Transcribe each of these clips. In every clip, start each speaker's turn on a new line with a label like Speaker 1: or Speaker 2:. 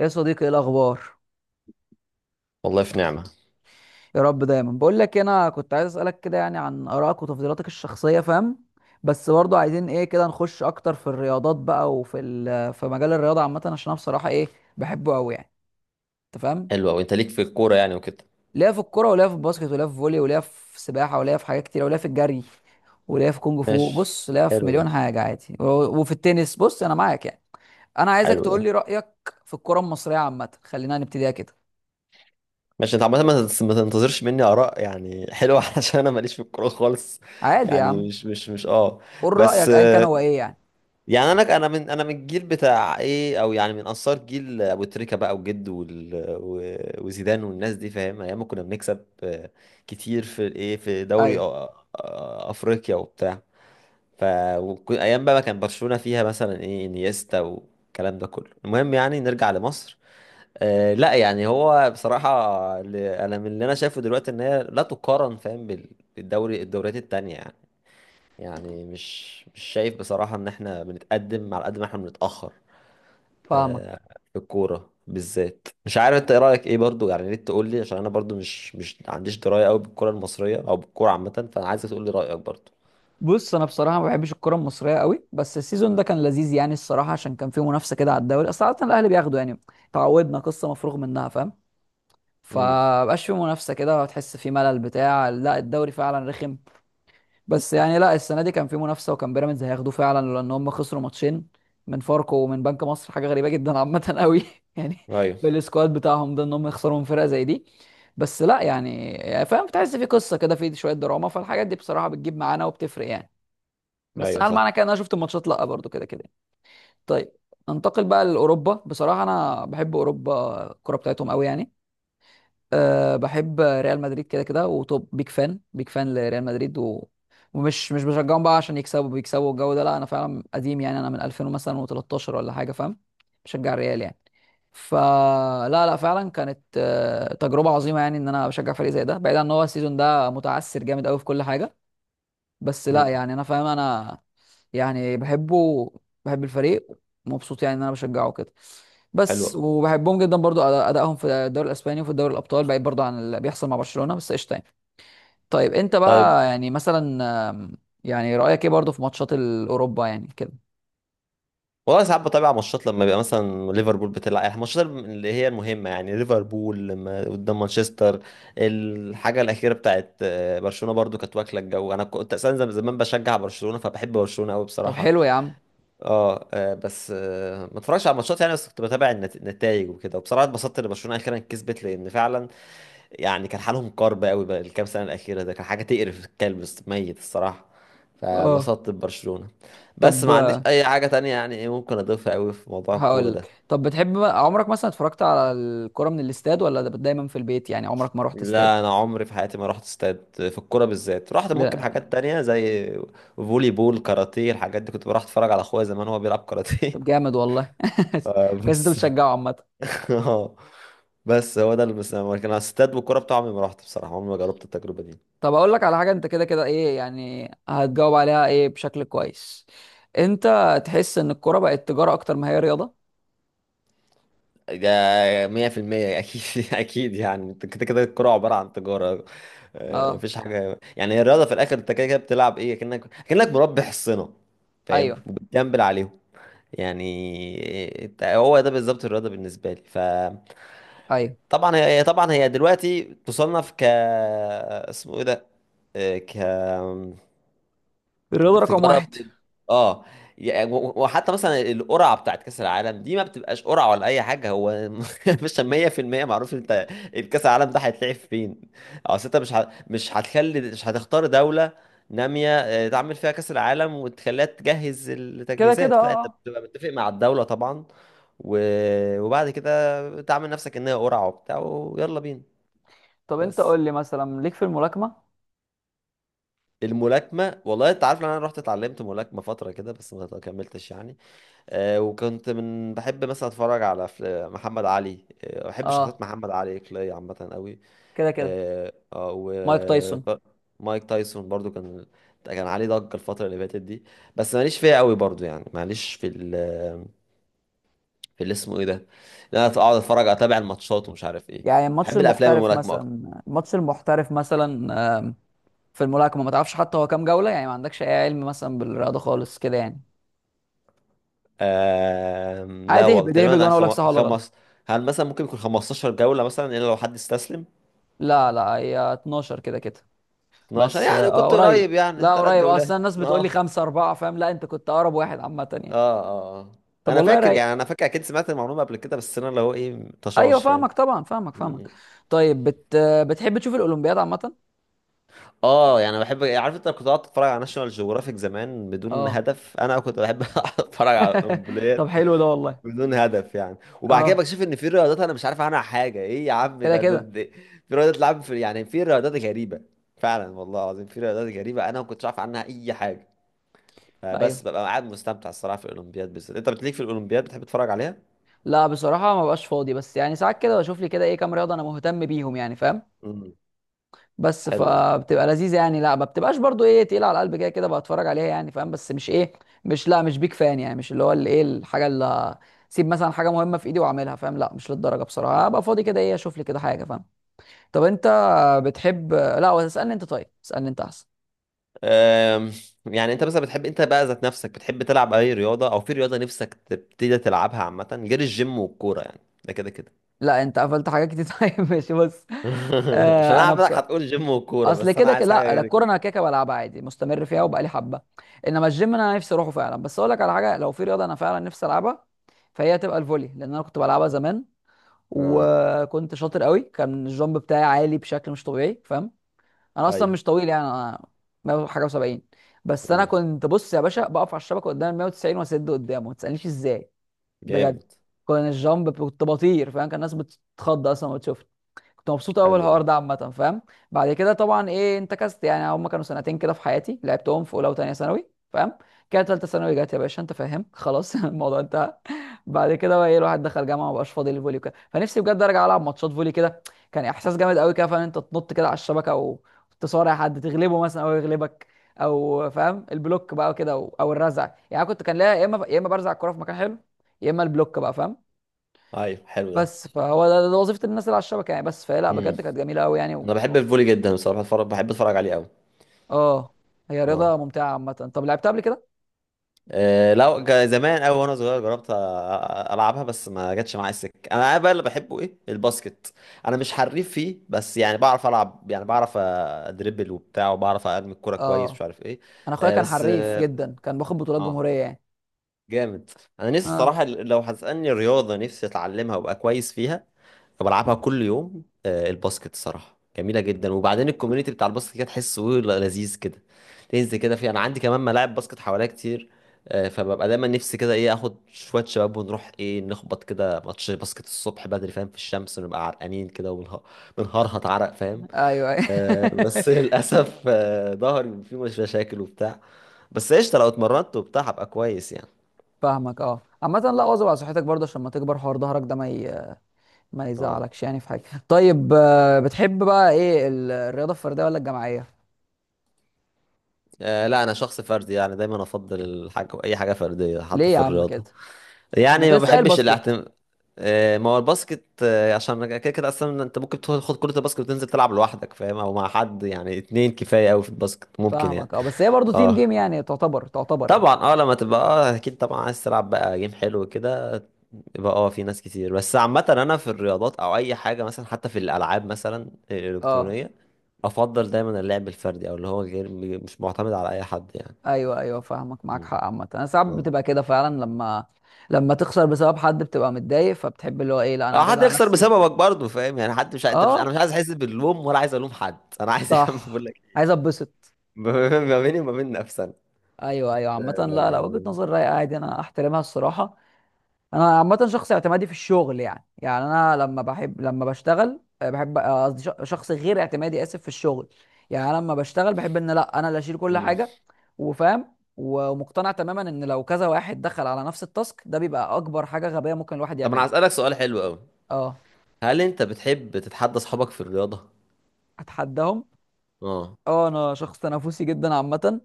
Speaker 1: يا صديقي ايه الاخبار؟
Speaker 2: والله في نعمة.
Speaker 1: يا رب دايما. بقول لك إيه، انا كنت عايز اسالك كده يعني عن ارائك وتفضيلاتك الشخصيه، فاهم؟ بس برضو عايزين ايه، كده نخش اكتر في الرياضات بقى وفي في مجال الرياضه عامه، عشان انا بصراحه ايه، بحبه قوي يعني. انت فاهم؟
Speaker 2: حلو أوي، أنت ليك في الكورة يعني وكده.
Speaker 1: ليا في الكوره وليا في الباسكت وليا في فولي وليا في سباحه وليا في حاجات كتير وليا في الجري وليا في كونج فو.
Speaker 2: ماشي.
Speaker 1: بص، ليا في
Speaker 2: حلو
Speaker 1: مليون
Speaker 2: ده.
Speaker 1: حاجه عادي وفي التنس. بص انا معاك يعني. انا عايزك
Speaker 2: حلو
Speaker 1: تقول
Speaker 2: ده.
Speaker 1: لي رايك في الكوره المصريه عامه، خلينا نبتديها كده.
Speaker 2: ماشي. أنت عامة ما تنتظرش مني آراء يعني حلوة علشان أنا ماليش في الكورة خالص.
Speaker 1: عادي يا
Speaker 2: يعني
Speaker 1: عم،
Speaker 2: مش.
Speaker 1: قول
Speaker 2: بس
Speaker 1: رايك ايا كان
Speaker 2: آه،
Speaker 1: هو ايه يعني.
Speaker 2: يعني أنا من الجيل بتاع إيه، أو يعني من أنصار جيل أبو تريكة بقى وجد وزيدان والناس دي، فاهم؟ أيام ما كنا بنكسب كتير في الإيه، في دوري
Speaker 1: ايوه،
Speaker 2: أفريقيا وبتاع. ف ايام بقى ما كان برشلونة فيها مثلا ايه انيستا والكلام ده كله. المهم يعني نرجع لمصر. آه لا، يعني هو بصراحة، انا من اللي انا شايفه دلوقتي ان هي لا تقارن، فاهم؟ بالدوري، الدوريات التانية يعني. يعني مش شايف بصراحة ان احنا بنتقدم على قد ما احنا بنتأخر.
Speaker 1: فاهمك.
Speaker 2: آه. في الكورة بالذات، مش عارف انت ايه رأيك ايه برضو، يعني يا ريت تقول لي، عشان انا برضو مش عنديش دراية قوي بالكرة المصرية او بالكورة عامة، فانا عايزك تقول لي رأيك برضو.
Speaker 1: بص انا بصراحه ما بحبش الكره المصريه قوي، بس السيزون ده كان لذيذ يعني الصراحه، عشان كان فيه منافسه كده على الدوري، اصل عاده الاهلي بياخدوا يعني. تعودنا قصه مفروغ منها، فاهم؟
Speaker 2: امم.
Speaker 1: فمبقاش فيه منافسه كده، وتحس فيه ملل بتاع، لا الدوري فعلا رخم. بس يعني لا، السنه دي كان فيه منافسه، وكان بيراميدز هياخدوه فعلا، لان هم خسروا ماتشين من فاركو ومن بنك مصر، حاجه غريبه جدا عامه قوي يعني،
Speaker 2: ايوه.
Speaker 1: بالسكواد بتاعهم ده، ان هم يخسروا من فرقه زي دي. بس لا يعني، يعني فاهم، بتحس في قصه كده، في شويه دراما، فالحاجات دي بصراحه بتجيب معانا وبتفرق يعني. بس
Speaker 2: ايوه
Speaker 1: هل
Speaker 2: صح.
Speaker 1: معنى كده ان انا شفت الماتشات؟ لا، برضو كده كده. طيب، ننتقل بقى لاوروبا. بصراحه انا بحب اوروبا، الكوره بتاعتهم قوي يعني. أه، بحب ريال مدريد كده كده، وطب بيك فان لريال مدريد ومش مش بشجعهم بقى عشان يكسبوا، بيكسبوا الجو ده. لا انا فعلا قديم يعني، انا من 2000 مثلا و13 ولا حاجه، فاهم؟ بشجع الريال يعني. فلا لا لا، فعلا كانت تجربه عظيمه يعني ان انا بشجع فريق زي ده، بعيد عن ان هو السيزون ده متعثر جامد قوي في كل حاجه. بس لا يعني، انا فاهم. انا يعني بحبه، بحب الفريق. مبسوط يعني ان انا بشجعه كده.
Speaker 2: حلو
Speaker 1: بس
Speaker 2: أوي.
Speaker 1: وبحبهم جدا برضو، ادائهم في الدوري الاسباني وفي دوري الابطال، بعيد برضو عن اللي بيحصل مع برشلونة، بس قشطه يعني. طيب انت
Speaker 2: طيب.
Speaker 1: بقى يعني مثلا، آم، يعني رايك ايه برضو في ماتشات الاوروبا يعني كده؟
Speaker 2: والله ساعات بتابع ماتشات لما بيبقى مثلا ليفربول بتلعب، يعني الماتشات اللي هي المهمة، يعني ليفربول لما قدام مانشستر. الحاجة الأخيرة بتاعت برشلونة برضو كانت واكلة الجو. أنا كنت أساسا زمان بشجع برشلونة، فبحب برشلونة أوي
Speaker 1: طب
Speaker 2: بصراحة.
Speaker 1: حلو يا عم.
Speaker 2: أه آه، بس آه، ما اتفرجش على الماتشات يعني، بس كنت بتابع النتائج وكده، وبصراحة اتبسطت إن برشلونة أخيرا كسبت، لأن فعلا يعني كان حالهم كرب قوي بقى. الكام سنة الأخيرة ده كان حاجة تقرف الكلب، ميت الصراحة.
Speaker 1: اه،
Speaker 2: فبسطت ببرشلونة. بس ما عنديش
Speaker 1: طب
Speaker 2: أي حاجة تانية يعني إيه ممكن أضيفها قوي في موضوع الكورة
Speaker 1: هقول
Speaker 2: ده.
Speaker 1: لك، طب بتحب، عمرك مثلا اتفرجت على الكرة من الاستاد، ولا ده دايما في البيت يعني؟ عمرك ما رحت استاد؟
Speaker 2: لا، أنا عمري في حياتي ما رحت استاد في الكورة بالذات. رحت ممكن
Speaker 1: لا.
Speaker 2: حاجات تانية زي فولي بول، كاراتيه، الحاجات دي، كنت بروح أتفرج على أخويا زمان وهو بيلعب كاراتيه.
Speaker 1: طب جامد والله كويس، انت
Speaker 2: بس
Speaker 1: بتشجعه عامة.
Speaker 2: آه، بس هو ده اللي بس، لكن على الاستاد والكورة بتاعه عمري ما رحت بصراحة، عمري ما جربت التجربة دي.
Speaker 1: طب اقول لك على حاجه، انت كده كده ايه يعني، هتجاوب عليها ايه بشكل كويس. انت تحس ان الكوره بقت تجاره اكتر ما هي رياضه؟
Speaker 2: ده 100% اكيد اكيد يعني، انت كده كده الكوره عباره عن تجاره.
Speaker 1: اه.
Speaker 2: مفيش حاجه يعني، هي الرياضه في الاخر انت كده كده بتلعب ايه، كأنك مربي حصنه،
Speaker 1: ايوه،
Speaker 2: فاهم؟ وبتجنبل عليهم يعني. هو ده بالظبط الرياضه بالنسبه لي.
Speaker 1: ايوه.
Speaker 2: طبعا طبعا هي دلوقتي تصنف اسمه ايه ده، آه، ك
Speaker 1: الرياضه رقم
Speaker 2: التجاره
Speaker 1: واحد
Speaker 2: اه يعني، و- و- وحتى مثلا القرعه بتاعت كاس العالم دي ما بتبقاش قرعه ولا اي حاجه، هو مش 100% معروف انت الكاس العالم ده هيتلعب فين. اصل انت مش هتخلي مش هتختار دوله ناميه، تعمل فيها كاس العالم وتخليها تجهز
Speaker 1: كده كده. اه،
Speaker 2: التجهيزات، لا انت
Speaker 1: آه.
Speaker 2: بتبقى متفق مع الدوله طبعا، و... وبعد كده تعمل نفسك ان هي قرعه وبتاع ويلا بينا.
Speaker 1: طب انت قول
Speaker 2: بس.
Speaker 1: لي، مثلا ليك في الملاكمه؟
Speaker 2: الملاكمه، والله انت عارف ان انا رحت اتعلمت ملاكمه فتره كده، بس ما كملتش يعني. وكنت من بحب مثلا اتفرج على محمد علي. بحب شخصيات
Speaker 1: اه،
Speaker 2: محمد علي كلاي عامه قوي.
Speaker 1: كده كده
Speaker 2: و
Speaker 1: مايك تايسون.
Speaker 2: مايك تايسون برضو كان، كان عليه ضجه الفتره اللي فاتت دي. بس ماليش فيها قوي برضو يعني، ماليش في في اللي اسمه ايه ده، ان انا اقعد اتفرج اتابع الماتشات ومش عارف ايه.
Speaker 1: يعني الماتش
Speaker 2: بحب الافلام
Speaker 1: المحترف
Speaker 2: الملاكمه اكتر.
Speaker 1: مثلا، الماتش المحترف مثلا. آم، في الملاكمه ما تعرفش حتى هو كام جوله؟ يعني ما عندكش اي علم مثلا بالرياضه خالص كده يعني.
Speaker 2: لا
Speaker 1: عادي،
Speaker 2: والله
Speaker 1: اهبد
Speaker 2: تقريبا
Speaker 1: اهبد
Speaker 2: أنا
Speaker 1: وانا اقول لك صح ولا غلط.
Speaker 2: خمس. هل مثلا ممكن يكون 15 جوله، مثلا الا لو حد استسلم؟
Speaker 1: لا لا، هي 12 كده كده.
Speaker 2: 12
Speaker 1: بس اه
Speaker 2: يعني كنت
Speaker 1: قريب.
Speaker 2: قريب، يعني
Speaker 1: لا
Speaker 2: ثلاث
Speaker 1: قريب
Speaker 2: جولات
Speaker 1: اصلا، الناس بتقول لي
Speaker 2: اه
Speaker 1: خمسة أربعة فاهم، لا أنت كنت أقرب واحد عامة يعني.
Speaker 2: اه اه. اه،
Speaker 1: طب
Speaker 2: انا
Speaker 1: والله
Speaker 2: فاكر
Speaker 1: رايق.
Speaker 2: يعني، انا فاكر اكيد سمعت المعلومه قبل كده، بس انا اللي هو ايه
Speaker 1: أيوه
Speaker 2: طشاش، فاهم.
Speaker 1: فاهمك، طبعا فاهمك
Speaker 2: م-
Speaker 1: فاهمك. طيب بتحب تشوف الأولمبياد عامة؟
Speaker 2: اه يعني بحب. عارف انت كنت قاعد اتفرج على ناشونال جيوغرافيك زمان بدون
Speaker 1: اه.
Speaker 2: هدف، انا كنت بحب اتفرج على
Speaker 1: طب
Speaker 2: القنبلات
Speaker 1: حلو ده والله.
Speaker 2: بدون هدف يعني، وبعد كده
Speaker 1: اه،
Speaker 2: بكتشف ان في رياضات انا مش عارف عنها حاجه، ايه يا عم
Speaker 1: كده
Speaker 2: ده, ده,
Speaker 1: كده.
Speaker 2: ده في رياضات لعب في، يعني في رياضات غريبه، فعلا والله العظيم في رياضات غريبه انا ما كنتش عارف عنها اي حاجه، بس
Speaker 1: ايوه،
Speaker 2: ببقى قاعد مستمتع الصراحه في الاولمبياد بالذات. انت بتليك في الاولمبياد، بتحب تتفرج عليها.
Speaker 1: لا بصراحة ما بقاش فاضي، بس يعني ساعات كده بشوف لي كده ايه، كام رياضة انا مهتم بيهم يعني، فاهم؟
Speaker 2: امم.
Speaker 1: بس
Speaker 2: حلو ده.
Speaker 1: فبتبقى لذيذه يعني، لا ما بتبقاش برضو ايه تقيله على القلب، كده كده بتفرج عليها يعني، فاهم؟ بس مش ايه، مش بيك فان يعني، مش اللي هو اللي ايه، الحاجه اللي سيب مثلا حاجه مهمه في ايدي واعملها، فاهم؟ لا مش للدرجه، بصراحه ابقى فاضي كده ايه اشوف لي كده حاجه، فاهم؟ طب انت بتحب، لا هو اسالني انت، طيب اسالني انت احسن.
Speaker 2: أم، يعني انت مثلا بتحب، انت بقى ذات نفسك بتحب تلعب اي رياضة، او في رياضة نفسك تبتدي تلعبها عامة، غير الجيم والكورة يعني، ده كده كده.
Speaker 1: لا انت قفلت حاجات كتير طيب ماشي بص.
Speaker 2: عشان
Speaker 1: آه
Speaker 2: انا
Speaker 1: انا بص،
Speaker 2: عارفك هتقول جيم والكورة،
Speaker 1: اصل
Speaker 2: بس انا
Speaker 1: كده كده
Speaker 2: عايز حاجة
Speaker 1: لا لا،
Speaker 2: غير
Speaker 1: الكوره
Speaker 2: كده.
Speaker 1: انا كده كده بلعبها عادي، مستمر فيها
Speaker 2: مم.
Speaker 1: وبقالي حبه. انما الجيم انا نفسي اروحه فعلا. بس اقول لك على حاجه، لو في رياضه انا فعلا نفسي العبها، فهي هتبقى الفولي، لان انا كنت بلعبها زمان،
Speaker 2: اه
Speaker 1: وكنت شاطر قوي. كان الجامب بتاعي عالي بشكل مش طبيعي، فاهم؟ انا اصلا
Speaker 2: ايوه.
Speaker 1: مش طويل يعني، انا 100 حاجه و70. بس انا
Speaker 2: مم.
Speaker 1: كنت، بص يا باشا، بقف على الشبكه قدام ال 190 واسد قدامه، ما تسالنيش ازاي. بجد،
Speaker 2: جامد.
Speaker 1: كان الجامب، كنت بطير فاهم، كان الناس بتتخض اصلا وتشوف. كنت مبسوط قوي
Speaker 2: حلو ده.
Speaker 1: الحوار ده عامه، فاهم؟ بعد كده طبعا ايه، انتكست يعني، هم كانوا سنتين كده في حياتي، لعبتهم في اولى وثانيه ثانوي، فاهم؟ كده ثالثه ثانوي جت يا باشا، انت فاهم، خلاص الموضوع انتهى. بعد كده بقى ايه، الواحد دخل جامعه، مبقاش فاضي للفولي وكده، فنفسي بجد ارجع العب ماتشات فولي كده. كان احساس جامد قوي كده، فاهم، انت تنط كده على الشبكه وتصارع حد، تغلبه مثلا او يغلبك، او فاهم البلوك بقى كده، او الرزع يعني. أنا كنت، كان ليا يا اما برزع الكوره في مكان حلو، يا اما البلوك بقى، فاهم؟
Speaker 2: ايوه حلو ده.
Speaker 1: بس فهو ده وظيفة الناس اللي على الشبكة يعني. بس فهي لا
Speaker 2: مم.
Speaker 1: بجد كانت جميلة قوي يعني
Speaker 2: انا بحب الفولي جدا بصراحة، بتفرج بحب اتفرج عليه قوي.
Speaker 1: اه. هي
Speaker 2: اه.
Speaker 1: رياضة ممتعة عامة. طب لعبتها قبل كده؟
Speaker 2: لو زمان قوي وانا صغير جربت العبها، بس ما جاتش معايا السكه. انا بقى اللي بحبه ايه، الباسكت. انا مش حريف فيه، بس يعني بعرف العب يعني، بعرف ادربل وبتاع، وبعرف ارمي الكوره كويس، مش
Speaker 1: اه،
Speaker 2: عارف ايه.
Speaker 1: انا اخويا
Speaker 2: آه،
Speaker 1: كان
Speaker 2: بس
Speaker 1: حريف
Speaker 2: اه
Speaker 1: جدا، كان باخد بطولات
Speaker 2: آه.
Speaker 1: جمهورية يعني.
Speaker 2: جامد. انا نفسي
Speaker 1: اه.
Speaker 2: الصراحه لو هتسالني رياضه نفسي اتعلمها وابقى كويس فيها، بلعبها كل يوم، الباسكت. الصراحه جميله جدا، وبعدين الكوميونتي بتاع الباسكت كده تحسه لذيذ كده، تنزل كده فيه. انا عندي كمان ملاعب باسكت حواليا كتير، فببقى دايما نفسي كده ايه اخد شويه شباب ونروح ايه نخبط كده ماتش باسكت الصبح بدري، فاهم، في الشمس، ونبقى عرقانين كده وبنه- بنهرهط عرق، فاهم.
Speaker 1: ايوه ايوه
Speaker 2: بس للاسف ظهري فيه مش مشاكل وبتاع، بس قشطه لو اتمرنت وبتاع هبقى كويس يعني.
Speaker 1: فاهمك. اه عامة لا، واظب على صحتك برضه عشان ما تكبر حوار ظهرك ده، ما ما
Speaker 2: اه.
Speaker 1: يزعلكش يعني في حاجة. طيب بتحب بقى ايه الرياضة الفردية ولا الجماعية؟
Speaker 2: لا انا شخص فردي، يعني دايما افضل الحاجه اي حاجه فرديه، حتى
Speaker 1: ليه يا
Speaker 2: في
Speaker 1: عم كده؟
Speaker 2: الرياضه.
Speaker 1: ما
Speaker 2: يعني
Speaker 1: انت
Speaker 2: ما
Speaker 1: لسه قايل
Speaker 2: بحبش
Speaker 1: باسكت.
Speaker 2: الاعتماد. ما هو الباسكت عشان كده كده اصلا انت ممكن تاخد كره الباسكت وتنزل تلعب لوحدك، فاهم، او مع حد يعني، اتنين كفايه قوي في الباسكت ممكن يعني.
Speaker 1: فاهمك. اه بس هي برضه تيم
Speaker 2: اه
Speaker 1: جيم يعني، تعتبر تعتبر يعني.
Speaker 2: طبعا. اه لما تبقى اه اكيد، طبعا عايز تلعب بقى جيم حلو كده يبقى اه في ناس كتير. بس عامه انا في الرياضات او اي حاجه مثلا، حتى في الالعاب مثلا
Speaker 1: اه.
Speaker 2: الالكترونيه، افضل دايما اللعب الفردي، او اللي هو غير، مش معتمد على اي حد
Speaker 1: ايوه ايوه فاهمك، معاك
Speaker 2: يعني.
Speaker 1: حق. عامه انا ساعات
Speaker 2: اه.
Speaker 1: بتبقى كده فعلا لما، لما تخسر بسبب حد بتبقى متضايق، فبتحب اللي هو ايه، لا انا
Speaker 2: او
Speaker 1: هعتمد
Speaker 2: حد
Speaker 1: على
Speaker 2: يخسر
Speaker 1: نفسي.
Speaker 2: بسببك برضه، فاهم يعني، حد مش ع- انت مش انا
Speaker 1: اه
Speaker 2: مش عايز احس باللوم ولا عايز الوم حد، انا عايز يا عم بقول
Speaker 1: صح،
Speaker 2: لك
Speaker 1: عايز اتبسط.
Speaker 2: ما بيني وما بين نفسنا.
Speaker 1: ايوه ايوه. عامه لا لا، وجهه
Speaker 2: آه،
Speaker 1: نظر رايقه عادي، انا احترمها الصراحه. انا عامه شخص اعتمادي في الشغل يعني، يعني انا لما بحب، لما بشتغل بحب قصدي شخص غير اعتمادي، اسف، في الشغل يعني. انا لما بشتغل بحب ان لا انا اللي اشيل كل
Speaker 2: مم.
Speaker 1: حاجه، وفاهم ومقتنع تماما ان لو كذا واحد دخل على نفس التاسك ده، بيبقى اكبر حاجه غبيه ممكن الواحد
Speaker 2: طب انا
Speaker 1: يعملها.
Speaker 2: هسألك سؤال حلو قوي.
Speaker 1: اه،
Speaker 2: هل انت بتحب تتحدى اصحابك في الرياضة؟
Speaker 1: اتحداهم؟
Speaker 2: اه.
Speaker 1: اه انا شخص تنافسي جدا عامه،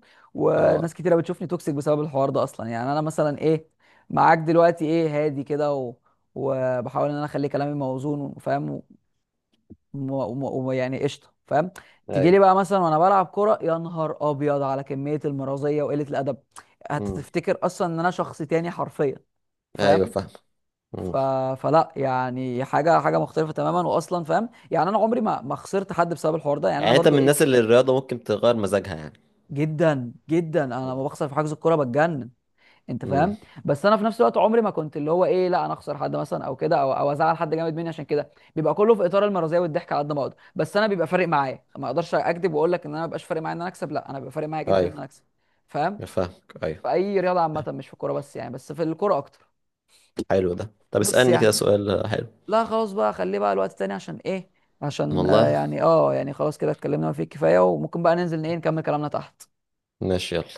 Speaker 2: اه
Speaker 1: وناس كتيره بتشوفني توكسيك بسبب الحوار ده اصلا. يعني انا مثلا ايه، معاك دلوقتي ايه، هادي كده وبحاول ان انا اخلي كلامي موزون، وفاهم، ويعني قشطه فاهم. تيجي لي
Speaker 2: ايوه.
Speaker 1: بقى مثلا وانا بلعب كوره، يا نهار ابيض على كميه المرازيه وقله الادب،
Speaker 2: امم.
Speaker 1: هتفتكر اصلا ان انا شخص تاني حرفيا،
Speaker 2: ايوه
Speaker 1: فاهم؟
Speaker 2: فاهم. مم.
Speaker 1: ف... فلا يعني حاجه، حاجه مختلفه تماما واصلا، فاهم؟ يعني انا عمري ما ما خسرت حد بسبب الحوار ده يعني، انا
Speaker 2: يعني انت
Speaker 1: برضو
Speaker 2: من الناس
Speaker 1: ايه،
Speaker 2: اللي الرياضة ممكن تغير مزاجها يعني.
Speaker 1: جدا جدا، انا لما بخسر في حجز الكوره بتجنن، انت
Speaker 2: امم.
Speaker 1: فاهم؟ بس انا في نفس الوقت عمري ما كنت اللي هو ايه، لا انا اخسر حد مثلا او كده، او ازعل حد جامد مني عشان كده. بيبقى كله في اطار المرضيه والضحك على قد ما اقدر، بس انا بيبقى فارق معايا، ما اقدرش اكذب واقول لك ان انا ما بيبقاش فارق معايا ان انا اكسب، لا انا بيبقى فارق معايا جدا ان
Speaker 2: ايوه
Speaker 1: انا اكسب، فاهم؟
Speaker 2: فاهمك ايوه.
Speaker 1: في اي رياضه عامه، مش في الكوره بس يعني، بس في الكوره اكتر.
Speaker 2: حلو ده، طب
Speaker 1: بس
Speaker 2: اسألني كده
Speaker 1: يعني
Speaker 2: سؤال حلو.
Speaker 1: لا، خلاص بقى، خليه بقى الوقت تاني عشان ايه، عشان
Speaker 2: والله،
Speaker 1: يعني اه يعني خلاص كده، اتكلمنا ما فيه الكفايه، وممكن بقى ننزل ايه نكمل كلامنا تحت.
Speaker 2: ماشي يلا.